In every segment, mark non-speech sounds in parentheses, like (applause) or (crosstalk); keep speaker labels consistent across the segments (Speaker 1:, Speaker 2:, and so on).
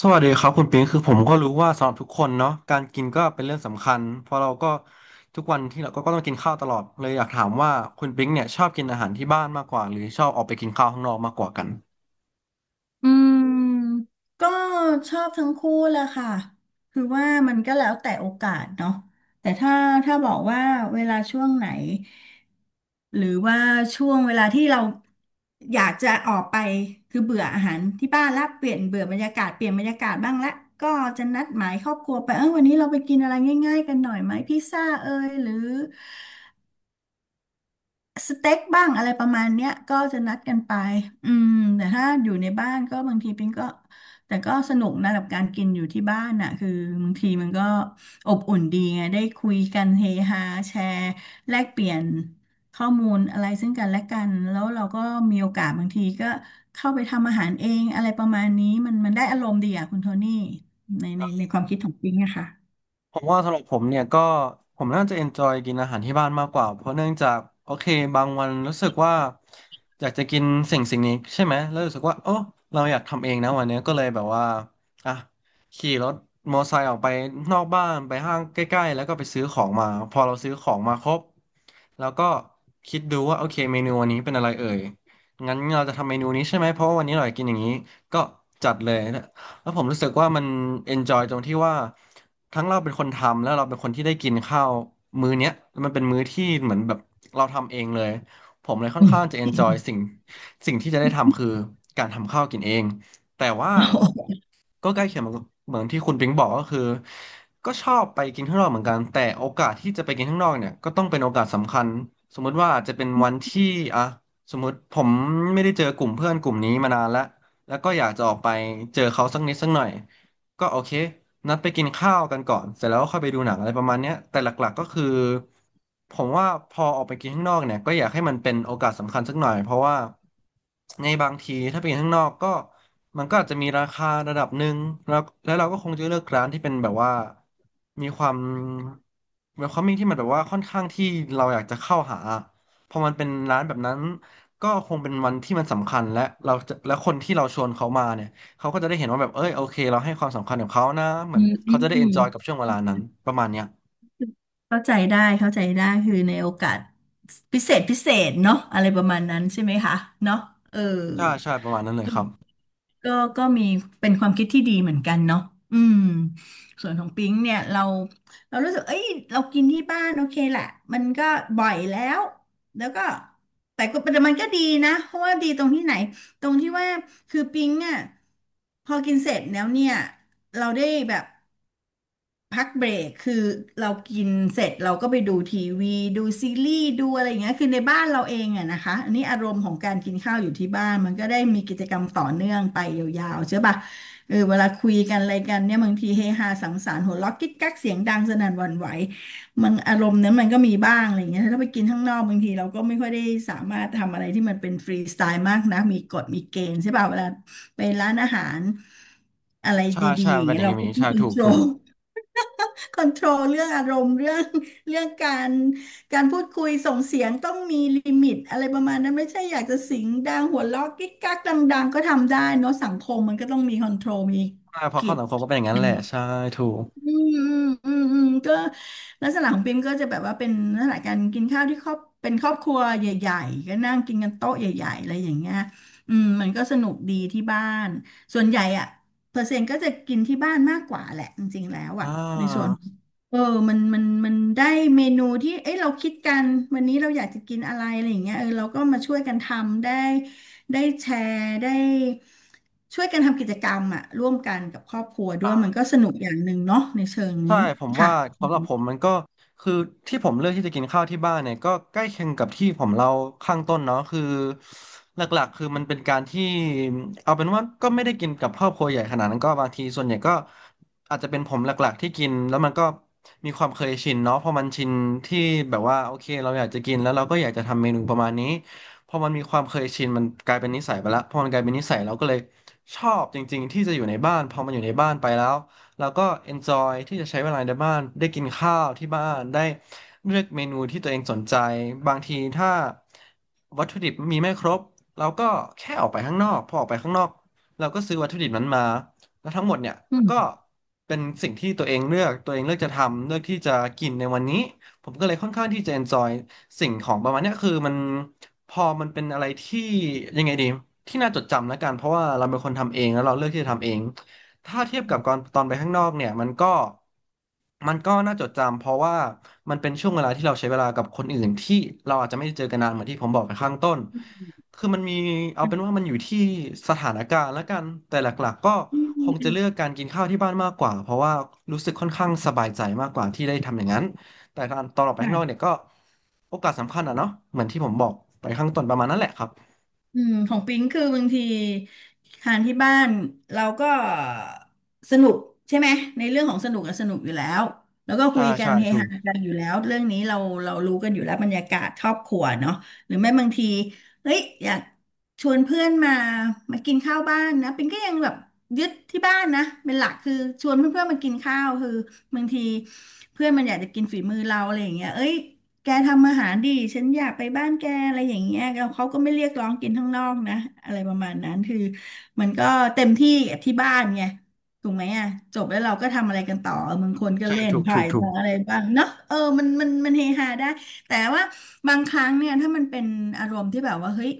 Speaker 1: สวัสดีครับคุณปิงคือผมก็รู้ว่าสำหรับทุกคนเนาะการกินก็เป็นเรื่องสำคัญเพราะเราก็ทุกวันที่เราก็ต้องกินข้าวตลอดเลยอยากถามว่าคุณปิงเนี่ยชอบกินอาหารที่บ้านมากกว่าหรือชอบออกไปกินข้าวข้างนอกมากกว่ากัน
Speaker 2: อืมก็ชอบทั้งคู่แหละค่ะคือว่ามันก็แล้วแต่โอกาสเนาะแต่ถ้าบอกว่าเวลาช่วงไหนหรือว่าช่วงเวลาที่เราอยากจะออกไปคือเบื่ออาหารที่บ้านละเปลี่ยนเบื่อบรรยากาศเปลี่ยนบรรยากาศบ้างละก็จะนัดหมายครอบครัวไปวันนี้เราไปกินอะไรง่ายๆกันหน่อยไหมพิซซ่าเอยหรือ สเต็กบ้างอะไรประมาณเนี้ยก็จะนัดกันไปอืมแต่ถ้าอยู่ในบ้านก็บางทีปิงก็แต่ก็สนุกนะกับการกินอยู่ที่บ้านน่ะคือบางทีมันก็อบอุ่นดีไงได้คุยกันเฮฮาแชร์แลกเปลี่ยนข้อมูลอะไรซึ่งกันและกันแล้วเราก็มีโอกาสบางทีก็เข้าไปทำอาหารเองอะไรประมาณนี้มันได้อารมณ์ดีอ่ะคุณโทนี่ในความคิดของปิงนะคะ
Speaker 1: ผมว่าสำหรับผมเนี่ยก็ผมน่าจะเอนจอยกินอาหารที่บ้านมากกว่าเพราะเนื่องจากโอเคบางวันรู้สึกว่าอยากจะกินสิ่งนี้ใช่ไหมแล้วรู้สึกว่าโอ้เราอยากทำเองนะวันเนี้ยก็เลยแบบว่าอ่ะขี่รถมอไซค์ออกไปนอกบ้านไปห้างใกล้ๆแล้วก็ไปซื้อของมาพอเราซื้อของมาครบแล้วก็คิดดูว่าโอเคเมนูวันนี้เป็นอะไรเอ่ยงั้นเราจะทำเมนูนี้ใช่ไหมเพราะว่าวันนี้เราอยากกินอย่างนี้ก็จัดเลย แล้วผมรู้สึกว่ามัน enjoy ตรงที่ว่าทั้งเราเป็นคนทำแล้วเราเป็นคนที่ได้กินข้าวมื้อเนี้ยมันเป็นมื้อที่เหมือนแบบเราทำเองเลยผมเลยค่อน
Speaker 2: อื
Speaker 1: ข้างจะ enjoy
Speaker 2: ม
Speaker 1: สิ่งที่จะได้ทำคือการทำข้าวกินเองแต่ว่า
Speaker 2: (laughs)
Speaker 1: ก็ใกล้เคียงเหมือนที่คุณปิงบอกก็คือก็ชอบไปกินข้างนอกเหมือนกันแต่โอกาสที่จะไปกินข้างนอกเนี่ยก็ต้องเป็นโอกาสสำคัญสมมุติว่าอาจจะเป็นวันที่อ่ะสมมติผมไม่ได้เจอกลุ่มเพื่อนกลุ่มนี้มานานแล้ว แล้วก็อยากจะออกไปเจอเขาสักนิดสักหน่อยก็โอเคนัดไปกินข้าวกันก่อนเสร็จแล้วก็ค่อยไปดูหนังอะไรประมาณเนี้ยแต่หลักๆก็คือผมว่าพอออกไปกินข้างนอกเนี่ยก็อยากให้มันเป็นโอกาสสำคัญสักหน่อยเพราะว่าในบางทีถ้าไปกินข้างนอกก็มันก็อาจจะมีราคาระดับหนึ่งแล้วเราก็คงจะเลือกร้านที่เป็นแบบว่ามีความมีความมิ่งที่มันแบบว่าค่อนข้างที่เราอยากจะเข้าหา พอมันเป็นร้านแบบนั้นก็คงเป็นวันที่มันสำคัญและเราจะและคนที่เราชวนเขามาเนี่ยเขาก็จะได้เห็นว่าแบบเอ้ยโอเคเราให้ความสำคัญกับเขานะเหมือนเขาจะได้เอนจอยกับช่วงเวลานั้นประมาณเนี้ย
Speaker 2: เข้าใจได้เข้าใจได้คือในโอกาสพิเศษพิเศษเนาะอะไรประมาณนั้นใช่ไหมคะเนาะเออ
Speaker 1: ใช่ใช่ประมาณนั้นเลยครับ
Speaker 2: ก็ก็มีเป็นความคิดที่ดีเหมือนกันเนาะอืมส่วนของปิ๊งเนี่ยเรารู้สึกเอ้ยเรากินที่บ้านโอเคแหละมันก็บ่อยแล้วแล้วก็แต่มันก็ดีนะเพราะว่าดีตรงที่ไหนตรงที่ว่าคือปิ๊งอ่ะพอกินเสร็จแล้วเนี่ยเราได้แบบ พักเบรกคือเรากินเสร็จเราก็ไปดูทีวีดูซีรีส์ดูอะไรอย่างเงี้ยคือในบ้านเราเองอะนะคะอันนี้อารมณ์ของการกินข้าวอยู่ที่บ้านมันก็ได้มีกิจกรรมต่อเนื่องไปยาวๆใช่ปะเวลาคุยกันอะไรกันเนี่ยบางทีเฮฮาสังสรรค์หัวเราะกิ๊กกักเสียงดังสนั่นหวั่นไหวมันอารมณ์นั้นมันก็มีบ้างอะไรอย่างเงี้ยถ้าไปกินข้างนอกบางทีเราก็ไม่ค่อยได้สามารถทำอะไรที่มันเป็นฟรีสไตล์มากนะมีกฎมีเกณฑ์ใช่ปะเวลาไปร้านอาหารอะไร
Speaker 1: ใช่
Speaker 2: ดี
Speaker 1: ใช่
Speaker 2: ๆอ
Speaker 1: มั
Speaker 2: ย่า
Speaker 1: น
Speaker 2: ง
Speaker 1: เป็นอ
Speaker 2: เงี้ย
Speaker 1: ย่าง
Speaker 2: เราก็
Speaker 1: นี้
Speaker 2: ต้อง
Speaker 1: ใช่
Speaker 2: คอน
Speaker 1: ถู
Speaker 2: โท
Speaker 1: ก
Speaker 2: ร
Speaker 1: ถูก
Speaker 2: ล คอนโทรลเรื่องอารมณ์เรื่อง (laughs) เรื่องการพูดคุยส่งเสียงต้องมีลิมิตอะไรประมาณนั้นไม่ใช่อยากจะเสียงดังหัวเราะกิ๊กกักดังๆก็ทำได้เนอะสังคมมันก็ต้องมีคอนโทรลมี
Speaker 1: ใช่เพอ
Speaker 2: ก
Speaker 1: เข้าสังคมก็เป็นอย่างนั้นแหละ
Speaker 2: ฎ
Speaker 1: ใช่ถูก
Speaker 2: อืมก็ลักษณะของปิมก็จะแบบว่าเป็นลักษณะการกินข้าวที่ครอบเป็นครอบครัวใหญ่ๆก็นั่งกินกันโต๊ะใหญ่ๆอะไรอย่างเงี้ยมันก็สนุกดีที่บ้านส่วนใหญ่อะเปอร์เซ็นต์ก็จะกินที่บ้านมากกว่าแหละจริงๆแล้ว
Speaker 1: อ่
Speaker 2: อะในส่วน
Speaker 1: า
Speaker 2: เออมันได้เมนูที่เอ้ยเราคิดกันวันนี้เราอยากจะกินอะไรอะไรอย่างเงี้ยเราก็มาช่วยกันทำได้ ได้แชร์ได้ช่วยกันทำกิจกรรมอะร่วมกันกับครอบครัวด้วยมันก็สนุกอย่างหนึ่งเนาะในเชิง
Speaker 1: ใช่
Speaker 2: นี้
Speaker 1: ผม
Speaker 2: ค่ะ
Speaker 1: ว่า
Speaker 2: อื
Speaker 1: สำหรั
Speaker 2: ม
Speaker 1: บผมมันก็คือที่ผมเลือกที่จะกินข้าวที่บ้านเนี่ยก็ใกล้เคียงกับที่ผมเล่าข้างต้นเนาะคือหลักๆคือมันเป็นการที่เอาเป็นว่าก็ไม่ได้กินกับครอบครัวใหญ่ขนาดนั้นก็บางทีส่วนใหญ่ก็อาจจะเป็นผมหลักๆที่กินแล้วมันก็มีความเคยชินเนาะพอมันชินที่แบบว่าโอเคเราอยากจะกินแล้วเราก็อยากจะทำเมนูประมาณนี้พอมันมีความเคยชินมันกลายเป็นนิสัยไปแล้วพอมันกลายเป็นนิสัยเราก็เลยชอบจริงๆที่จะอยู่ในบ้านพอมันอยู่ในบ้านไปแล้ว แล้วก็ enjoy ที่จะใช้เวลาในบ้านได้กินข้าวที่บ้านได้เลือกเมนูที่ตัวเองสนใจบางทีถ้าวัตถุดิบมีไม่ครบเราก็แค่ออกไปข้างนอกพอออกไปข้างนอกเราก็ซื้อวัตถุดิบนั้นมาแล้วทั้งหมดเนี่ยก็เป็นสิ่งที่ตัวเองเลือกตัวเองเลือกจะทำเลือกที่จะกินในวันนี้ผมก็เลยค่อนข้างที่จะ enjoy สิ่งของประมาณเนี้ยคือมันพอมันเป็นอะไรที่ยังไงดีที่น่าจดจำแล้วกันเพราะว่าเราเป็นคนทำเองแล้วเราเลือกที่จะทำเอง ถ้าเทียบกับก่อนตอนไปข้างนอกเนี่ยมันก็มันก็น่าจดจำเพราะว่ามันเป็นช่วงเวลาที่เราใช้เวลากับคนอื่นที่เราอาจจะไม่ได้เจอกันนานเหมือนที่ผมบอกไปข้างต้นคือมันมีเอาเป็นว่ามันอยู่ที่สถานการณ์ละกันแต่หลักๆก็คงจะเลือกการกินข้าวที่บ้านมากกว่าเพราะว่ารู้สึกค่อนข้างสบายใจมากกว่าที่ได้ทำอย่างนั้นแต่ตอนออกไปข้างนอก
Speaker 2: ค่ะ
Speaker 1: เนี่ยก็โอกาสสำคัญอ่ะเนาะเหมือนที่ผมบอกไปข้างต้นประมาณนั้นแหละครับ
Speaker 2: ของปิงคือบางทีทานที่บ้านเราก็สนุกใช่ไหมในเรื่องของสนุกอะสนุกอยู่แล้วแล้วก็คุ
Speaker 1: ใช่
Speaker 2: ยกัน
Speaker 1: ใช่
Speaker 2: เฮ
Speaker 1: ถูก
Speaker 2: ฮากันอยู่แล้วเรื่องนี้เรารู้กันอยู่แล้วบรรยากาศครอบครัวเนาะหรือไม่บางทีเฮ้ยอยากชวนเพื่อนมากินข้าวบ้านนะปิงก็ยังแบบยึดที่บ้านนะเป็นหลักคือชวนเพื่อนๆมากินข้าวคือบางทีเพื่อนมันอยากจะกินฝีมือเราอะไรอย่างเงี้ยเอ้ย แกทำอาหารดิฉันอยากไปบ้านแกอะไรอย่างเงี้ยแล้วเขาก็ไม่เรียกร้องกินข้างนอกนะอะไรประมาณนั้นคือมันก็เต็มที่กับที่บ้านไงถูกไหมอ่ะจบแล้วเราก็ทำอะไรกันต่อมึงคนก็
Speaker 1: ใช่
Speaker 2: เล่น
Speaker 1: ถูก
Speaker 2: ไพ่
Speaker 1: ถูกถูก
Speaker 2: บ้างอะไรบ้างเนาะมันเฮฮาได้แต่ว่าบางครั้งเนี่ยถ้ามันเป็นอารมณ์ที่แบบว่าเฮ้ย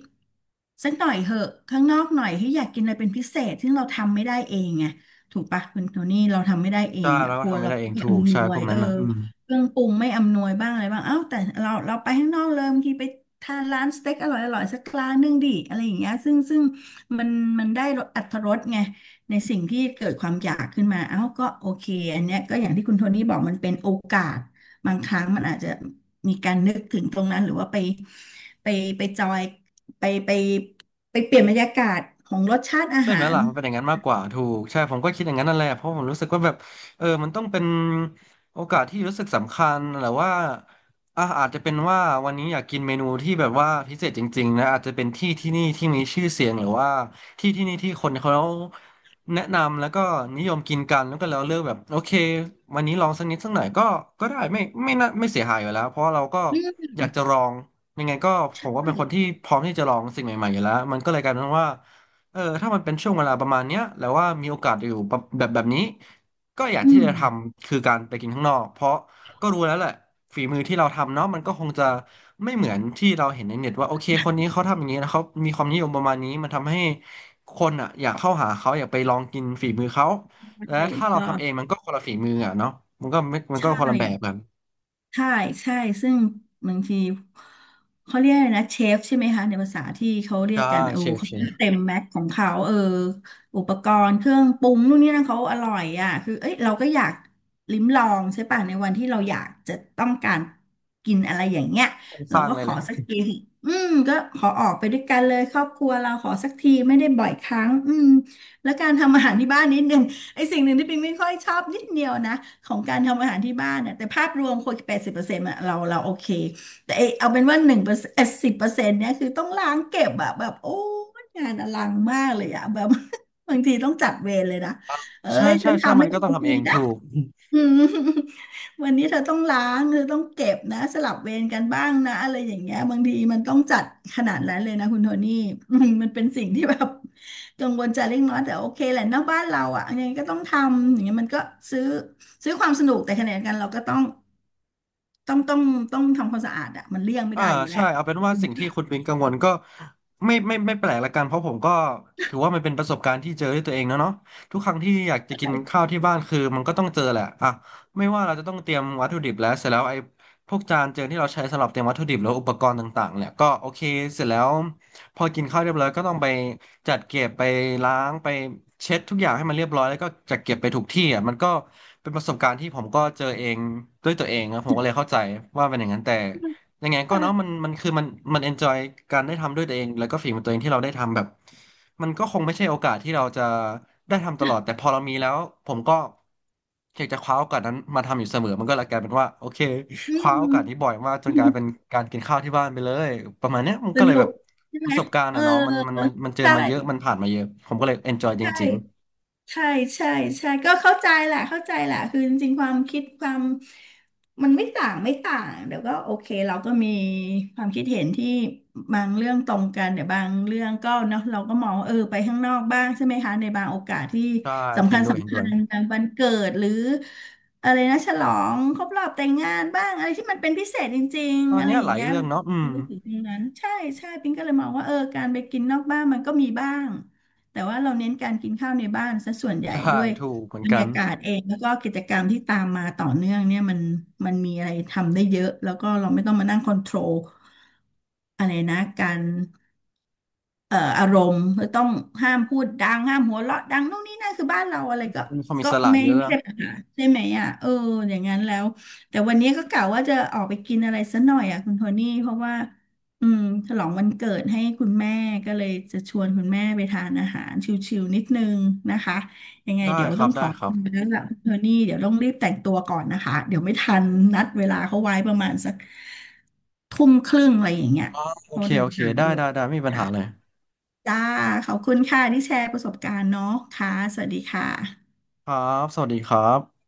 Speaker 2: สักหน่อยเหอะข้างนอกหน่อยที่อยากกินอะไรเป็นพิเศษซึ่งเราทำไม่ได้เองไงถูกปะคุณโทนี่เราทำไม่ได้เอ
Speaker 1: ใช่
Speaker 2: งอ่ะ
Speaker 1: แล้ว
Speaker 2: ค
Speaker 1: ก็
Speaker 2: รัว
Speaker 1: ทำไม่
Speaker 2: เรา
Speaker 1: ได้เอ
Speaker 2: ไม่
Speaker 1: งถูก
Speaker 2: อำน
Speaker 1: ใช่
Speaker 2: ว
Speaker 1: พ
Speaker 2: ย
Speaker 1: วกนั้นนะอืม
Speaker 2: เครื่องปรุงไม่อำนวยบ้างอะไรบ้างเอ้าแต่เราไปข้างนอกเลยบางทีไปทานร้านสเต็กอร่อยสักร้านนึงดิอะไรอย่างเงี้ยซึ่งมันมันได้รสอรรถรสไงในสิ่งที่เกิดความอยากขึ้นมาเอ้าก็โอเคอันเนี้ยก็อย่างที่คุณโทนี่บอกมันเป็นโอกาสบางครั้งมันอาจจะมีการนึกถึงตรงนั้นหรือว่าไปไปจอยไปไปไปเปลี่ยนบรรยากาศของรสชาติอา
Speaker 1: ใช่ไหม
Speaker 2: หาร
Speaker 1: ล่ะมันเป็นอย่างนั้นมากกว่าถูกใช่ผมก็คิดอย่างนั้นนั่นแหละเพราะผมรู้สึกว่าแบบมันต้องเป็นโอกาสที่รู้สึกสำคัญหรือว่าอาจจะเป็นว่าวันนี้อยากกินเมนูที่แบบว่าพิเศษจริงๆนะอาจจะเป็นที่ที่นี่ที่มีชื่อเสียงหรือว่าที่ที่นี่ที่คนเขาแนะนำแล้วก็นิยมกินกันแล้วก็เราเลือกแบบโอเควันนี้ลองสักนิดสักหน่อยก็ได้ไม่น่าไม่เสียหายอยู่แล้วเพราะเราก็
Speaker 2: อื
Speaker 1: อยากจะล
Speaker 2: ม
Speaker 1: องยังไงก็ผมก็
Speaker 2: ใช่
Speaker 1: เป็นคนที่พร้อมที่จะลองสิ่งใหม่ๆอยู่แล้วมันก็เลยกลายเป็นว่า ถ้ามันเป็นช่วงเวลาประมาณเนี้ยแล้วว่ามีโอกาสอยู่แบบนี้ก็อยาก
Speaker 2: อื
Speaker 1: ที่
Speaker 2: ม
Speaker 1: จะทำคือการไปกินข้างนอกเพราะก็รู้แล้วแหละฝีมือที่เราทำเนาะมันก็คงจะไม่เหมือนที่เราเห็นในเน็ตว่าโอเคคนนี้เขาทำอย่างนี้นะเขามีความนิยมประมาณนี้มันทำให้คนอ่ะอยากเข้าหาเขาอยากไปลองกินฝีมือเขา
Speaker 2: ใ
Speaker 1: และ
Speaker 2: ช่
Speaker 1: ถ้าเรา
Speaker 2: ก็
Speaker 1: ทำเองมันก็คนละฝีมืออ่ะเนาะมันก็
Speaker 2: ใช่
Speaker 1: คนละแบบกัน
Speaker 2: ใช่ใช่ซึ่งบางทีเขาเรียกอะไรนะเชฟใช่ไหมคะในภาษาที่เขาเรีย
Speaker 1: ใช่
Speaker 2: กกันเออ
Speaker 1: เชฟ
Speaker 2: เขา
Speaker 1: เชฟ
Speaker 2: เต็มแม็กของเขาเอออุปกรณ์เครื่องปรุงนู่นนี่นั่นเขาอร่อยอ่ะคือเอ้ยเราก็อยากลิ้มลองใช่ป่ะในวันที่เราอยากจะต้องการกินอะไรอย่างเงี้ย
Speaker 1: ส
Speaker 2: เรา
Speaker 1: ร้าง
Speaker 2: ก็
Speaker 1: เลย
Speaker 2: ข
Speaker 1: แห
Speaker 2: อ
Speaker 1: ละ
Speaker 2: สักทีสิอืมก็ขอออกไปด้วยกันเลยครอบครัวเราขอสักทีไม่ได้บ่อยครั้งอืมแล้วการทำอาหารที่บ้านนิดนึง ไอสิ่งหนึ่งที่ปิงไม่ค่อยชอบนิดเดียวนะของการทำอาหารที่บ้านน่ะแต่ภาพรวมคน80%อะเราเราโอเคแต่ไอเอาเป็นว่า1%สิบเปอร์เซ็นต์เนี่ยคือต้องล้างเก็บอะแบบโอ้ยงานอลังมากเลยอะแบบ (laughs) บางทีต้องจัดเวรเลยนะเอ้
Speaker 1: ใช่
Speaker 2: ย
Speaker 1: ใช่
Speaker 2: ฉัน
Speaker 1: ใช่
Speaker 2: ทำ
Speaker 1: มั
Speaker 2: ให้
Speaker 1: น
Speaker 2: เธ
Speaker 1: ก็
Speaker 2: อ
Speaker 1: ต้องทำ
Speaker 2: กิ
Speaker 1: เอ
Speaker 2: น
Speaker 1: ง
Speaker 2: นะ
Speaker 1: ถูก
Speaker 2: (laughs) อืม (laughs) วันนี้เธอต้องล้างเธอต้องเก็บนะสลับเวรกันบ้างนะอะไรอย่างเงี้ยบางทีมันต้องจัดขนาดนั้นเลยนะคุณโทนี่ (laughs) อืมมันเป็นสิ่งที่แบบกังวลใจเล็กน้อยแต่โอเคแหละนอกบ้านเราอ่ะยังไงก็ต้องทำอย่างเงี้ยมันก็ซื้อซื้อความสนุกแต่ขณะเดียวกันเราก็ต้องต้องต้องทำความสะอาดอ่ะมันเลี่ยงไม่
Speaker 1: อ่า
Speaker 2: ได้อยู่แห
Speaker 1: ใช่
Speaker 2: ละ
Speaker 1: เอาเป็นว่าสิ่งที่คุณวินกังวลก็ไม่แปลกละกันเพราะผมก็ถือว่ามันเป็นประสบการณ์ที่เจอด้วยตัวเองเนอะเนาะทุกครั้งที่อยากจะกินข้าวที่บ้านคือมันก็ต้องเจอแหละอ่ะไม่ว่าเราจะต้องเตรียมวัตถุดิบแล้วเสร็จแล้วไอ้พวกจานเจอที่เราใช้สำหรับเตรียมวัตถุดิบแล้วอุปกรณ์ต่างๆเนี่ยก็โอเคเสร็จแล้วพอกินข้าวเรียบร้อยก็ต้องไปจัดเก็บไปล้างไปเช็ดทุกอย่างให้มันเรียบร้อยแล้วก็จัดเก็บไปถูกที่อ่ะมันก็เป็นประสบการณ์ที่ผมก็เจอเองด้วยตัวเองนะผมก็เลยเข้าใจว่าเป็นอย่างนั้นแต่ ยังไงก็เนาะมั
Speaker 2: ค่ะ
Speaker 1: นมันคือมันมันเอนจอยการได้ทำด้วยตัวเองแล้วก็ฝีมือตัวเองที่เราได้ทำแบบมันก็คงไม่ใช่โอกาสที่เราจะได้ทำตลอดแต่พอเรามีแล้วผมก็อยากจะคว้าโอกาสนั้นมาทำอยู่เสมอมันก็เลยกลายเป็นว่าโอเค
Speaker 2: (laughs) อื
Speaker 1: คว้าโอ
Speaker 2: ม
Speaker 1: กาสนี้บ่อยมากจนกลายเป็น
Speaker 2: (laughs)
Speaker 1: การกินข้าวที่บ้านไปเลยประมาณเนี้ยมัน
Speaker 2: ส
Speaker 1: ก็เลย
Speaker 2: นุ
Speaker 1: แบ
Speaker 2: ก
Speaker 1: บ
Speaker 2: ใช่
Speaker 1: ป
Speaker 2: ไหม
Speaker 1: ระสบการณ์
Speaker 2: เออ
Speaker 1: อะเนาะมันเจอ
Speaker 2: ใช่
Speaker 1: มาเยอะมันผ่านมาเยอะผมก็เลยเอนจอยจ
Speaker 2: ใช
Speaker 1: ริง
Speaker 2: ่ ใช่ใช่ใช่ก็เข้าใจแหละเข้าใจแหละคือจริงๆความคิดความมันไม่ต่างเดี๋ยวก็โอเคเราก็มีความคิดเห็นที่บางเรื่องตรงกันเดี๋ยวบางเรื่องก็เนาะเราก็มองว่าเออไปข้างนอกบ้างใช่ไหมคะในบางโอกาสที่
Speaker 1: ๆใช่เท
Speaker 2: สำคั
Speaker 1: น
Speaker 2: ญ
Speaker 1: ด้วยเทน
Speaker 2: สำ
Speaker 1: ด้
Speaker 2: คั
Speaker 1: วย
Speaker 2: ญบางวันเกิดหรืออะไรนะฉลองครบรอบแต่งงานบ้างอะไรที่มันเป็นพิเศษจริง
Speaker 1: ตอ
Speaker 2: ๆ
Speaker 1: น
Speaker 2: อะไร
Speaker 1: เนี้ย
Speaker 2: อ
Speaker 1: ห
Speaker 2: ย่าง
Speaker 1: ลาย
Speaker 2: เงี้ย
Speaker 1: เรื่อ
Speaker 2: เรา
Speaker 1: งเนาะอืม
Speaker 2: จะนึกถึงตรงนั้นใช่ใช่ปิงก็เลยมองว่าเออการไปกินนอกบ้านมันก็มีบ้าง แต่ว่าเราเน้นการกินข้าวในบ้านซะส่วนใหญ่
Speaker 1: ใช่
Speaker 2: ด้วย
Speaker 1: ถูกเหมือน
Speaker 2: บรร
Speaker 1: กัน
Speaker 2: ยากาศเองแล้วก็กิจกรรมที่ตามมาต่อเนื่องเนี่ยมันมันมีอะไรทำได้เยอะแล้วก็เราไม่ต้องมานั่งคอนโทรลอะไรนะการ อารมณ์ต้องห้ามพูดดังห้ามหัวเราะดังนู่นนี่นั่นคือบ้านเราอะไรก็
Speaker 1: มีความอิ
Speaker 2: ก็
Speaker 1: สระ
Speaker 2: ไม่
Speaker 1: เยอะ
Speaker 2: ไม่ใช่ปัญหาใช่ไหมอ่ะเอออย่างนั้นแล้วแต่วันนี้ก็กะว่าจะออกไปกินอะไรสักหน่อยอ่ะคุณโทนี่เพราะว่าอืมฉลองวันเกิดให้คุณแม่ก็เลยจะชวนคุณแม่ไปทานอาหารชิลๆนิดนึงนะคะยังไง
Speaker 1: ได้
Speaker 2: เดี๋ยว
Speaker 1: ค
Speaker 2: ต้
Speaker 1: รั
Speaker 2: อ
Speaker 1: บ
Speaker 2: งข
Speaker 1: ได้
Speaker 2: อ
Speaker 1: ครั
Speaker 2: ตัว
Speaker 1: บ
Speaker 2: แล้วล่ะคุณโทนี่เดี๋ยวต้องรีบแต่งตัวก่อนนะคะเดี๋ยวไม่ทันนัดเวลาเขาไว้ประมาณสักทุ่มครึ่งอะไรอย่างเงี้ย
Speaker 1: โอ
Speaker 2: เพ
Speaker 1: เค
Speaker 2: ราะเดิ
Speaker 1: โอ
Speaker 2: น
Speaker 1: เค
Speaker 2: ทาง
Speaker 1: ได้
Speaker 2: ด้วย
Speaker 1: ได้ ได้ ไม่มีปัญหาเลย
Speaker 2: จ้าขอบคุณค่ะที่แชร์ประสบการณ์เนาะค่ะสวัสดีค่ะ
Speaker 1: ครับ สวัสดีครับ